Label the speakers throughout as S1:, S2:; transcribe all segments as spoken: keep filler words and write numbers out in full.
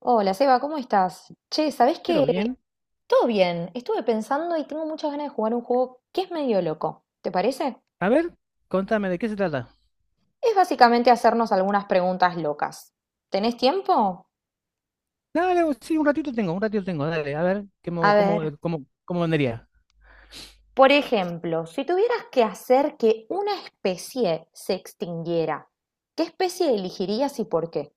S1: Hola, Seba, ¿cómo estás? Che, ¿sabés
S2: Pero
S1: qué?
S2: bien.
S1: Todo bien. Estuve pensando y tengo muchas ganas de jugar un juego que es medio loco. ¿Te parece?
S2: A ver, contame de qué se trata.
S1: Es básicamente hacernos algunas preguntas locas. ¿Tenés tiempo?
S2: Dale, sí, un ratito tengo, un ratito tengo. Dale, a ver,
S1: A
S2: ¿cómo,
S1: ver,
S2: cómo, eh, cómo, cómo vendría?
S1: por ejemplo, si tuvieras que hacer que una especie se extinguiera, ¿qué especie elegirías y por qué?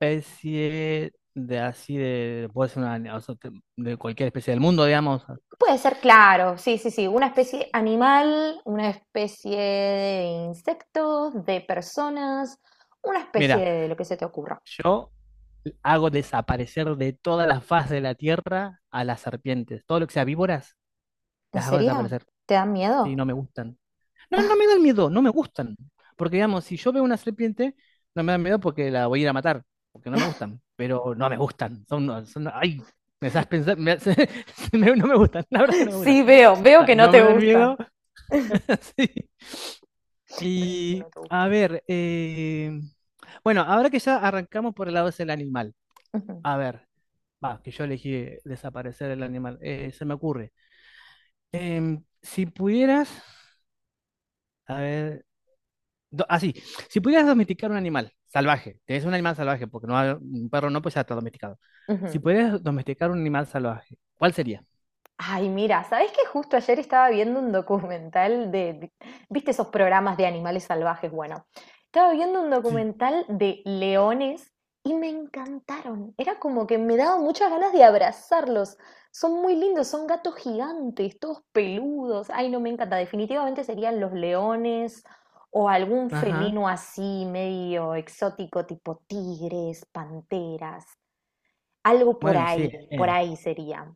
S2: Especie de así de. Puede ser una, o sea, te- de cualquier especie del mundo, digamos.
S1: Puede ser, claro, sí, sí, sí, una especie animal, una especie de insectos, de personas, una especie
S2: Mira,
S1: de lo que se te ocurra.
S2: yo hago desaparecer de toda la faz de la tierra a las serpientes. Todo lo que sea víboras,
S1: ¿En
S2: las hago
S1: serio?
S2: desaparecer.
S1: ¿Te dan
S2: Sí,
S1: miedo?
S2: no me gustan. No, no me dan miedo, no me gustan. Porque, digamos, si yo veo una serpiente, no me dan miedo porque la voy a ir a matar, porque no me gustan, pero no me gustan. Son, no, son, ay, me haces pensar, no me gustan, la verdad es que no me gustan.
S1: Sí, veo,
S2: O
S1: veo
S2: sea,
S1: que no
S2: no
S1: te
S2: me dan
S1: gustan.
S2: miedo. Sí.
S1: Veo que
S2: Y,
S1: no te
S2: a
S1: gustan.
S2: ver, eh, bueno, ahora que ya arrancamos por el lado del animal,
S1: Ujú,
S2: a ver, va, que yo elegí eh, desaparecer el animal, eh, se me ocurre. Em, si pudieras, a ver, do- así, si pudieras domesticar un animal salvaje, es un animal salvaje, porque no hay- un perro no, pues ya está domesticado. Si
S1: ujú.
S2: pudieras domesticar un animal salvaje, ¿cuál sería?
S1: Ay, mira, ¿sabés que justo ayer estaba viendo un documental de, viste esos programas de animales salvajes? Bueno, estaba viendo un
S2: Sí.
S1: documental de leones y me encantaron. Era como que me daba muchas ganas de abrazarlos. Son muy lindos, son gatos gigantes, todos peludos. Ay, no, me encanta. Definitivamente serían los leones o algún
S2: Ajá.
S1: felino así, medio exótico, tipo tigres, panteras, algo por
S2: Bueno,
S1: ahí,
S2: sí,
S1: por
S2: eh,
S1: ahí sería.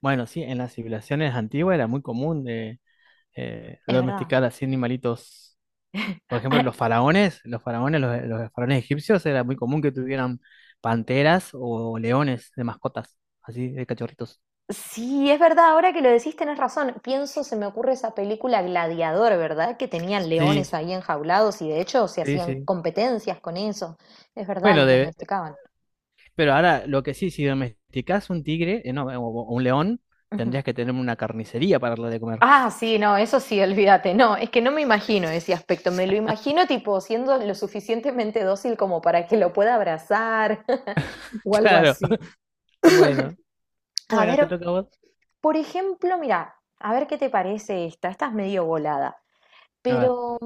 S2: bueno, sí, en las civilizaciones antiguas era muy común de eh,
S1: Es verdad.
S2: domesticar así animalitos. Por ejemplo, los faraones, los faraones, los, los faraones egipcios, era muy común que tuvieran panteras o leones de mascotas, así de cachorritos.
S1: Sí, es verdad, ahora que lo decís tenés razón. Pienso, se me ocurre esa película Gladiador, ¿verdad? Que tenían leones
S2: Sí,
S1: ahí enjaulados y de hecho se
S2: sí,
S1: hacían
S2: sí.
S1: competencias con eso. Es verdad,
S2: Bueno,
S1: les
S2: de,
S1: domesticaban.
S2: Pero ahora, lo que sí, si domesticás un tigre, eh, no, o o un león,
S1: Ujú.
S2: tendrías que tener una carnicería para darle de comer.
S1: Ah, sí, no, eso sí, olvídate. No, es que no me imagino ese aspecto. Me lo imagino tipo siendo lo suficientemente dócil como para que lo pueda abrazar o algo
S2: Claro.
S1: así.
S2: Bueno,
S1: A
S2: bueno,
S1: ver,
S2: te toca a vos.
S1: por ejemplo, mira, a ver qué te parece esta. Esta es medio volada,
S2: A ver.
S1: pero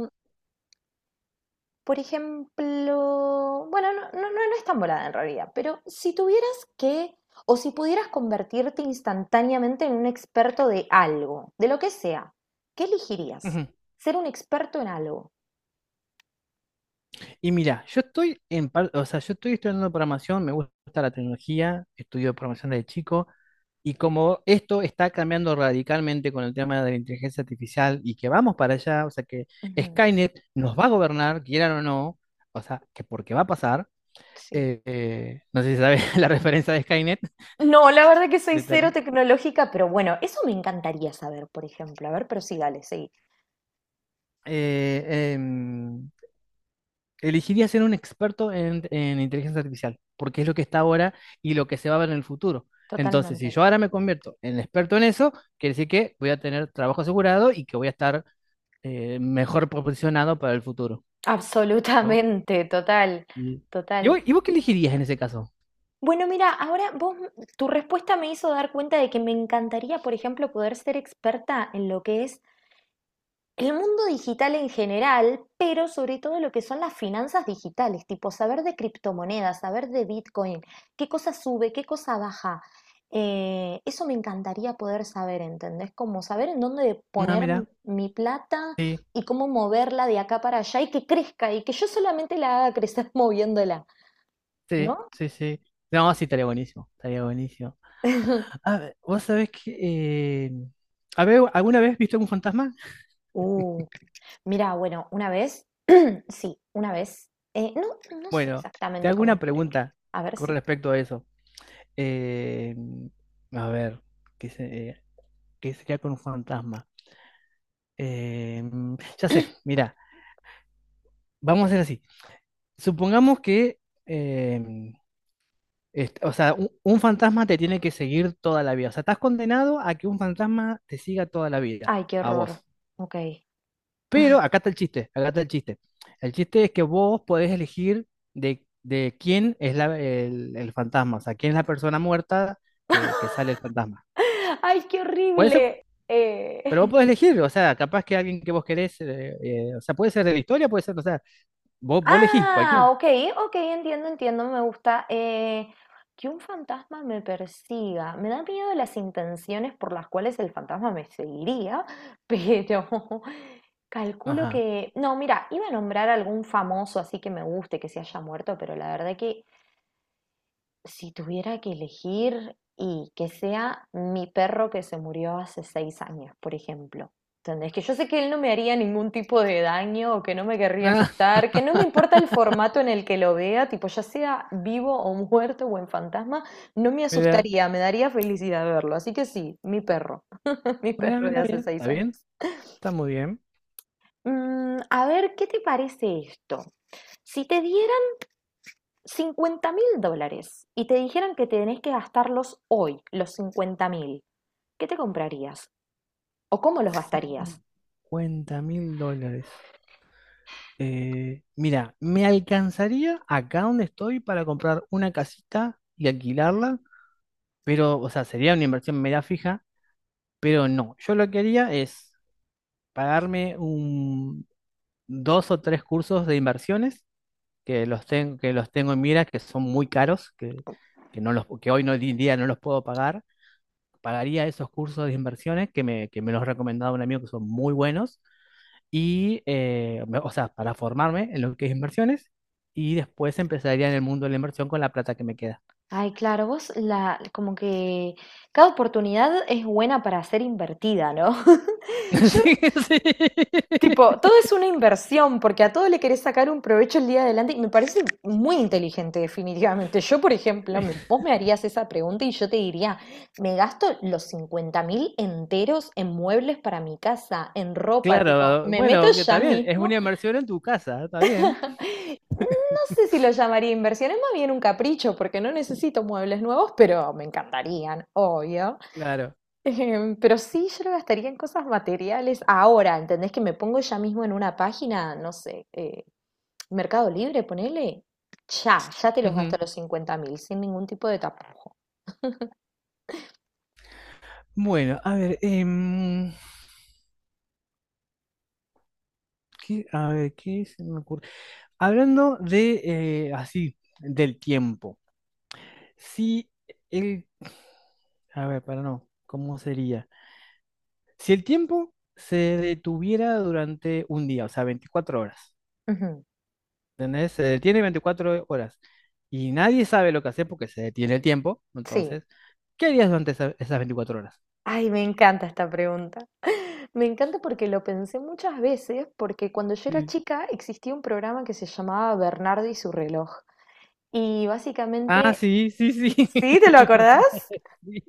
S1: por ejemplo, bueno, no, no, no, no es tan volada en realidad, pero si tuvieras que, o si pudieras convertirte instantáneamente en un experto de algo, de lo que sea, ¿qué elegirías?
S2: Ujú.
S1: Ser un experto en algo.
S2: Y mira, yo estoy en parte, o sea, yo estoy estudiando programación, me gusta la tecnología, estudio programación desde chico, y como esto está cambiando radicalmente con el tema de la inteligencia artificial y que vamos para allá, o sea, que
S1: Ujú,
S2: Skynet nos va a gobernar, quieran o no, o sea, que porque va a pasar,
S1: sí.
S2: eh, eh, no sé si sabes la referencia de Skynet.
S1: No, la verdad que soy cero
S2: Deter-
S1: tecnológica, pero bueno, eso me encantaría saber, por ejemplo. A ver, pero sí, dale, sí.
S2: eh, em, elegiría ser un experto en, en inteligencia artificial, porque es lo que está ahora y lo que se va a ver en el futuro. Entonces, si
S1: Totalmente.
S2: yo ahora me convierto en experto en eso, quiere decir que voy a tener trabajo asegurado y que voy a estar eh, mejor posicionado para el futuro. Yo-
S1: Absolutamente, total,
S2: y, ¿Y
S1: total.
S2: vos, y vos qué elegirías en ese caso?
S1: Bueno, mira, ahora vos, tu respuesta me hizo dar cuenta de que me encantaría, por ejemplo, poder ser experta en lo que es el mundo digital en general, pero sobre todo lo que son las finanzas digitales, tipo saber de criptomonedas, saber de Bitcoin, qué cosa sube, qué cosa baja. Eh, eso me encantaría poder saber, ¿entendés? Como saber en dónde
S2: No,
S1: poner m-
S2: mira,
S1: mi plata y cómo moverla de acá para allá y que crezca y que yo solamente la haga crecer moviéndola,
S2: sí,
S1: ¿no?
S2: sí, sí. No, sí, estaría buenísimo, estaría buenísimo. Ah, vos sabés que... eh, ¿habe- alguna vez viste un fantasma?
S1: Uh. Mira, bueno, una vez, sí, una vez. Eh, no, no sé
S2: Bueno, te
S1: exactamente
S2: hago
S1: cómo
S2: una
S1: escribir.
S2: pregunta
S1: A ver
S2: con
S1: si.
S2: respecto a eso. Eh, a ver, ¿qué, se- eh, qué sería con un fantasma? Eh, ya sé, mira, vamos a hacer así. Supongamos que, eh, est- o sea, un, un fantasma te tiene que seguir toda la vida. O sea, estás condenado a que un fantasma te siga toda la vida,
S1: Ay, qué
S2: a
S1: horror.
S2: vos.
S1: Ok.
S2: Pero acá está el chiste, acá está el chiste. El chiste es que vos podés elegir de, de quién es la- el, el fantasma, o sea, quién es la persona muerta que, que sale el fantasma.
S1: Ay, qué
S2: Puede ser,
S1: horrible. Eh,
S2: pero vos podés elegir, o sea, capaz que alguien que vos querés, eh, eh, o sea, puede ser de la historia, puede ser, o sea, vos, vos elegís, cualquiera.
S1: Ah, ok, ok, entiendo, entiendo, me gusta. Eh, que un fantasma me persiga. Me da miedo las intenciones por las cuales el fantasma me seguiría, pero calculo
S2: Ajá.
S1: que... No, mira, iba a nombrar algún famoso así que me guste, que se haya muerto, pero la verdad que si tuviera que elegir y que sea mi perro que se murió hace seis años, por ejemplo. ¿Entendés? Que yo sé que él no me haría ningún tipo de daño o que no me querría
S2: Ah,
S1: asustar, que no me importa el formato en el que lo vea, tipo ya sea vivo o muerto o en fantasma, no me
S2: mira,
S1: asustaría, me daría felicidad verlo. Así que sí, mi perro, mi
S2: mira,
S1: perro de
S2: mira,
S1: hace
S2: bien, está
S1: seis años.
S2: bien, está muy bien.
S1: Mm, a ver, ¿qué te parece esto? Si te diera cincuenta mil dólares y te dijeran que tenés que gastarlos hoy, los cincuenta mil, ¿qué te comprarías? ¿O cómo los gastarías?
S2: Cincuenta mil dólares. Eh, mira, me alcanzaría acá donde estoy para comprar una casita y alquilarla, pero, o sea, sería una inversión media fija, pero no. Yo lo que haría es pagarme un, dos o tres cursos de inversiones que los, ten- que los tengo en mira, que son muy caros, que, que, no los, que hoy no, hoy en día no los puedo pagar. Pagaría esos cursos de inversiones que me, que me los recomendaba un amigo que son muy buenos y, eh, me- o sea, para formarme en lo que es inversiones y después empezaría en el mundo de la inversión con la plata que me queda.
S1: Ay, claro, vos la, como que cada oportunidad es buena para ser invertida, ¿no? Yo
S2: Sí, sí.
S1: Tipo, todo es una inversión, porque a todo le querés sacar un provecho el día de adelante y me parece muy inteligente, definitivamente. Yo, por ejemplo, me- vos me harías esa pregunta y yo te diría, me gasto los cincuenta mil enteros en muebles para mi casa, en ropa, tipo,
S2: Claro,
S1: me meto
S2: bueno, que está
S1: ya
S2: bien, es una
S1: mismo.
S2: inversión en tu casa, está bien,
S1: No sé si lo llamaría inversión, es más bien un capricho, porque no necesito muebles nuevos, pero me encantarían, obvio.
S2: claro.
S1: Em, pero sí, yo lo gastaría en cosas materiales ahora, ¿entendés? Que me pongo ya mismo en una página, no sé, eh, Mercado Libre, ponele. Ya, ya te los gasto
S2: Ujú.
S1: los cincuenta mil, sin ningún tipo de tapujo.
S2: Bueno, a ver, em, ¿qué, a ver, ¿qué se me ocurre? Hablando de, eh, así, del tiempo, si el, a ver, para no, ¿cómo sería? Si el tiempo se detuviera durante un día, o sea, veinticuatro horas,
S1: Ujú,
S2: ¿entendés? Se detiene veinticuatro horas y nadie sabe lo que hacer porque se detiene el tiempo,
S1: sí.
S2: entonces, ¿qué harías durante esa- esas veinticuatro horas?
S1: Ay, me encanta esta pregunta. Me encanta porque lo pensé muchas veces, porque cuando yo era
S2: Sí,
S1: chica existía un programa que se llamaba Bernardo y su reloj. Y
S2: Ah,
S1: básicamente...
S2: sí, sí, sí.
S1: ¿Sí? ¿Te lo acordás?
S2: Sí,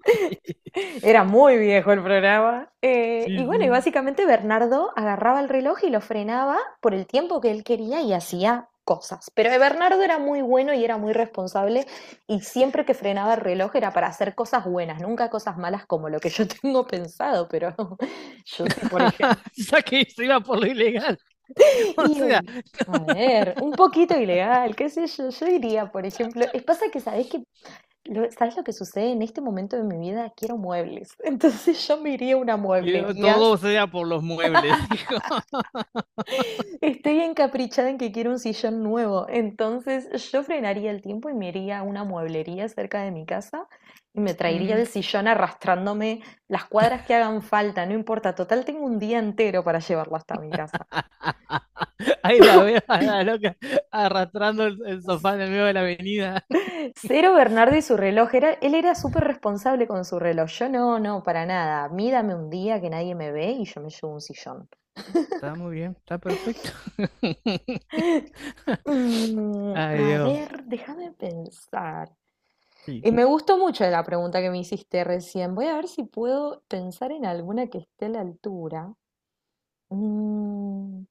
S1: Era muy viejo el programa. Eh,
S2: sí,
S1: y bueno, y
S2: sí.
S1: básicamente Bernardo agarraba el reloj y lo frenaba por el tiempo que él quería y hacía cosas. Pero Bernardo era muy bueno y era muy responsable y siempre que frenaba el reloj era para hacer cosas buenas, nunca cosas malas como lo que yo tengo pensado, pero yo sí, por ejemplo.
S2: Ya que se iba por lo ilegal. O
S1: Y
S2: sea,
S1: un- a ver, un poquito ilegal, qué sé yo, yo diría, por ejemplo, es pasa que sabés que lo- ¿Sabes lo que sucede? En este momento de mi vida quiero muebles. Entonces yo me iría a una
S2: quiero
S1: mueblería.
S2: todo sea por los muebles, dijo.
S1: Estoy encaprichada en que quiero un sillón nuevo. Entonces yo frenaría el tiempo y me iría a una mueblería cerca de mi casa y me traería
S2: Ujú.
S1: el sillón arrastrándome las cuadras que hagan falta. No importa, total tengo un día entero para llevarlo hasta mi casa.
S2: Ahí la veo a la loca arrastrando el, el sofá en el medio de la avenida.
S1: Cero Bernardo y su reloj. Era, él era súper responsable con su reloj. Yo no, no, para nada. A un día que nadie me ve y yo me llevo un sillón.
S2: Está muy bien, está perfecto.
S1: Mm,
S2: Ay,
S1: a
S2: Dios.
S1: ver, déjame pensar.
S2: Sí.
S1: Y me gustó mucho la pregunta que me hiciste recién. Voy a ver si puedo pensar en alguna que esté a la altura. Mm,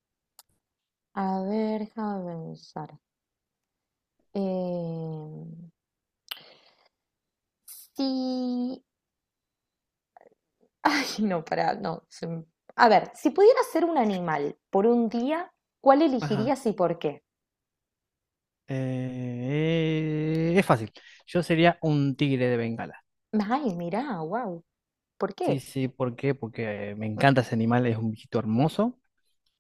S1: a ver, déjame pensar. Em, sí. Ay, no, pará, no. se me- A ver, si pudiera ser un animal por un día, ¿cuál
S2: Ajá.
S1: elegirías y por qué?
S2: Eh, es fácil. Yo sería un tigre de Bengala.
S1: Ay, mirá, wow. ¿Por
S2: Sí,
S1: qué?
S2: sí, ¿por qué? Porque me encanta ese animal, es un bichito hermoso.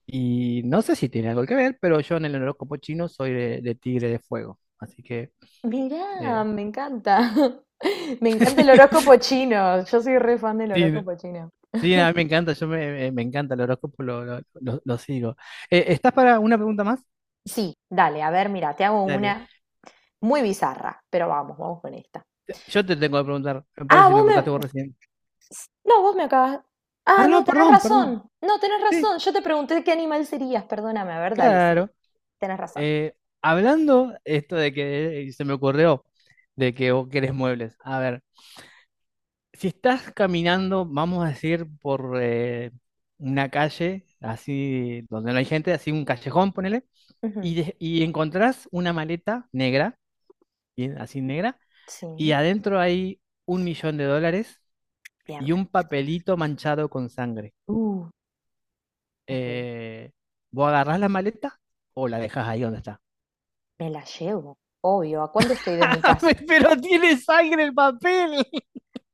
S2: Y no sé si tiene algo que ver, pero yo en el horóscopo chino soy de, de tigre de fuego. Así que...
S1: Mirá,
S2: eh,
S1: me encanta. Me encanta el horóscopo chino. Yo soy re fan del
S2: sí, no,
S1: horóscopo chino.
S2: sí, a mí me encanta, yo me, me- me encanta el horóscopo, lo, lo, lo- lo sigo. Eh, ¿estás para una pregunta más?
S1: Sí, dale, a ver, mira, te hago
S2: Dale.
S1: una muy bizarra, pero vamos, vamos con esta.
S2: Yo te tengo que preguntar, me
S1: Ah,
S2: parece que me
S1: vos me...
S2: preguntaste vos recién.
S1: No, vos me acabas...
S2: Ah,
S1: Ah,
S2: no,
S1: no, tenés
S2: perdón, perdón.
S1: razón. No, tenés
S2: Sí,
S1: razón. Yo te pregunté qué animal serías, perdóname. A ver, dale, sigue.
S2: claro.
S1: Tenés razón.
S2: Eh, hablando esto de que eh, se me ocurrió de que vos querés muebles. A ver, si estás caminando, vamos a decir, por eh, una calle, así donde no hay gente, así un callejón, ponele, y,
S1: Ujú,
S2: de- y encontrás una maleta negra, bien, así negra, y
S1: sí,
S2: adentro hay un millón de dólares
S1: bien.
S2: y un papelito manchado con sangre.
S1: Uh, ok.
S2: eh, ¿vos agarrás la maleta o la dejás ahí donde está?
S1: Me la llevo. Obvio, ¿a cuánto estoy de mi casa?
S2: Pero tiene sangre el papel.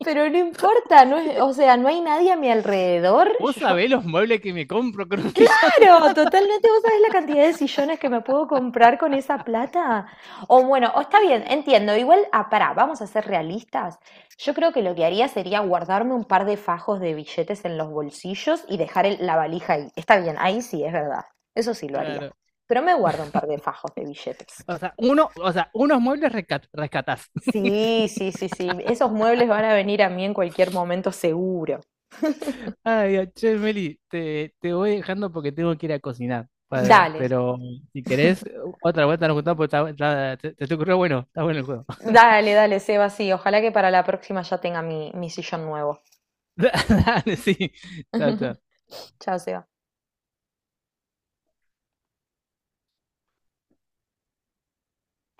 S1: Pero no importa, no es, o sea, no hay nadie a mi alrededor.
S2: Vos
S1: Yo,
S2: sabés los muebles que me compro con un millón de-
S1: claro, totalmente, vos sabés la cantidad de sillones que me puedo comprar con esa plata. O bueno, o está bien, entiendo. Igual, ah, pará, vamos a ser realistas. Yo creo que lo que haría sería guardarme un par de fajos de billetes en los bolsillos y dejar el- la valija ahí. Está bien, ahí sí, es verdad. Eso sí lo haría.
S2: Claro.
S1: Pero me guardo un par de fajos de billetes.
S2: O sea, uno, o sea, unos muebles rescat- rescatás.
S1: Sí, sí, sí, sí. Esos muebles van a venir a mí en cualquier momento seguro.
S2: Ay, che, Meli, te, te voy dejando porque tengo que ir a cocinar. Pa-
S1: Dale,
S2: Pero si querés, otra vuelta nos juntamos porque está- está- te, te ocurrió bueno, está bueno el juego.
S1: Dale, dale, Seba, sí. Ojalá que para la próxima ya tenga mi, mi sillón nuevo.
S2: Dale, sí. Chao, chao.
S1: Chao, Seba.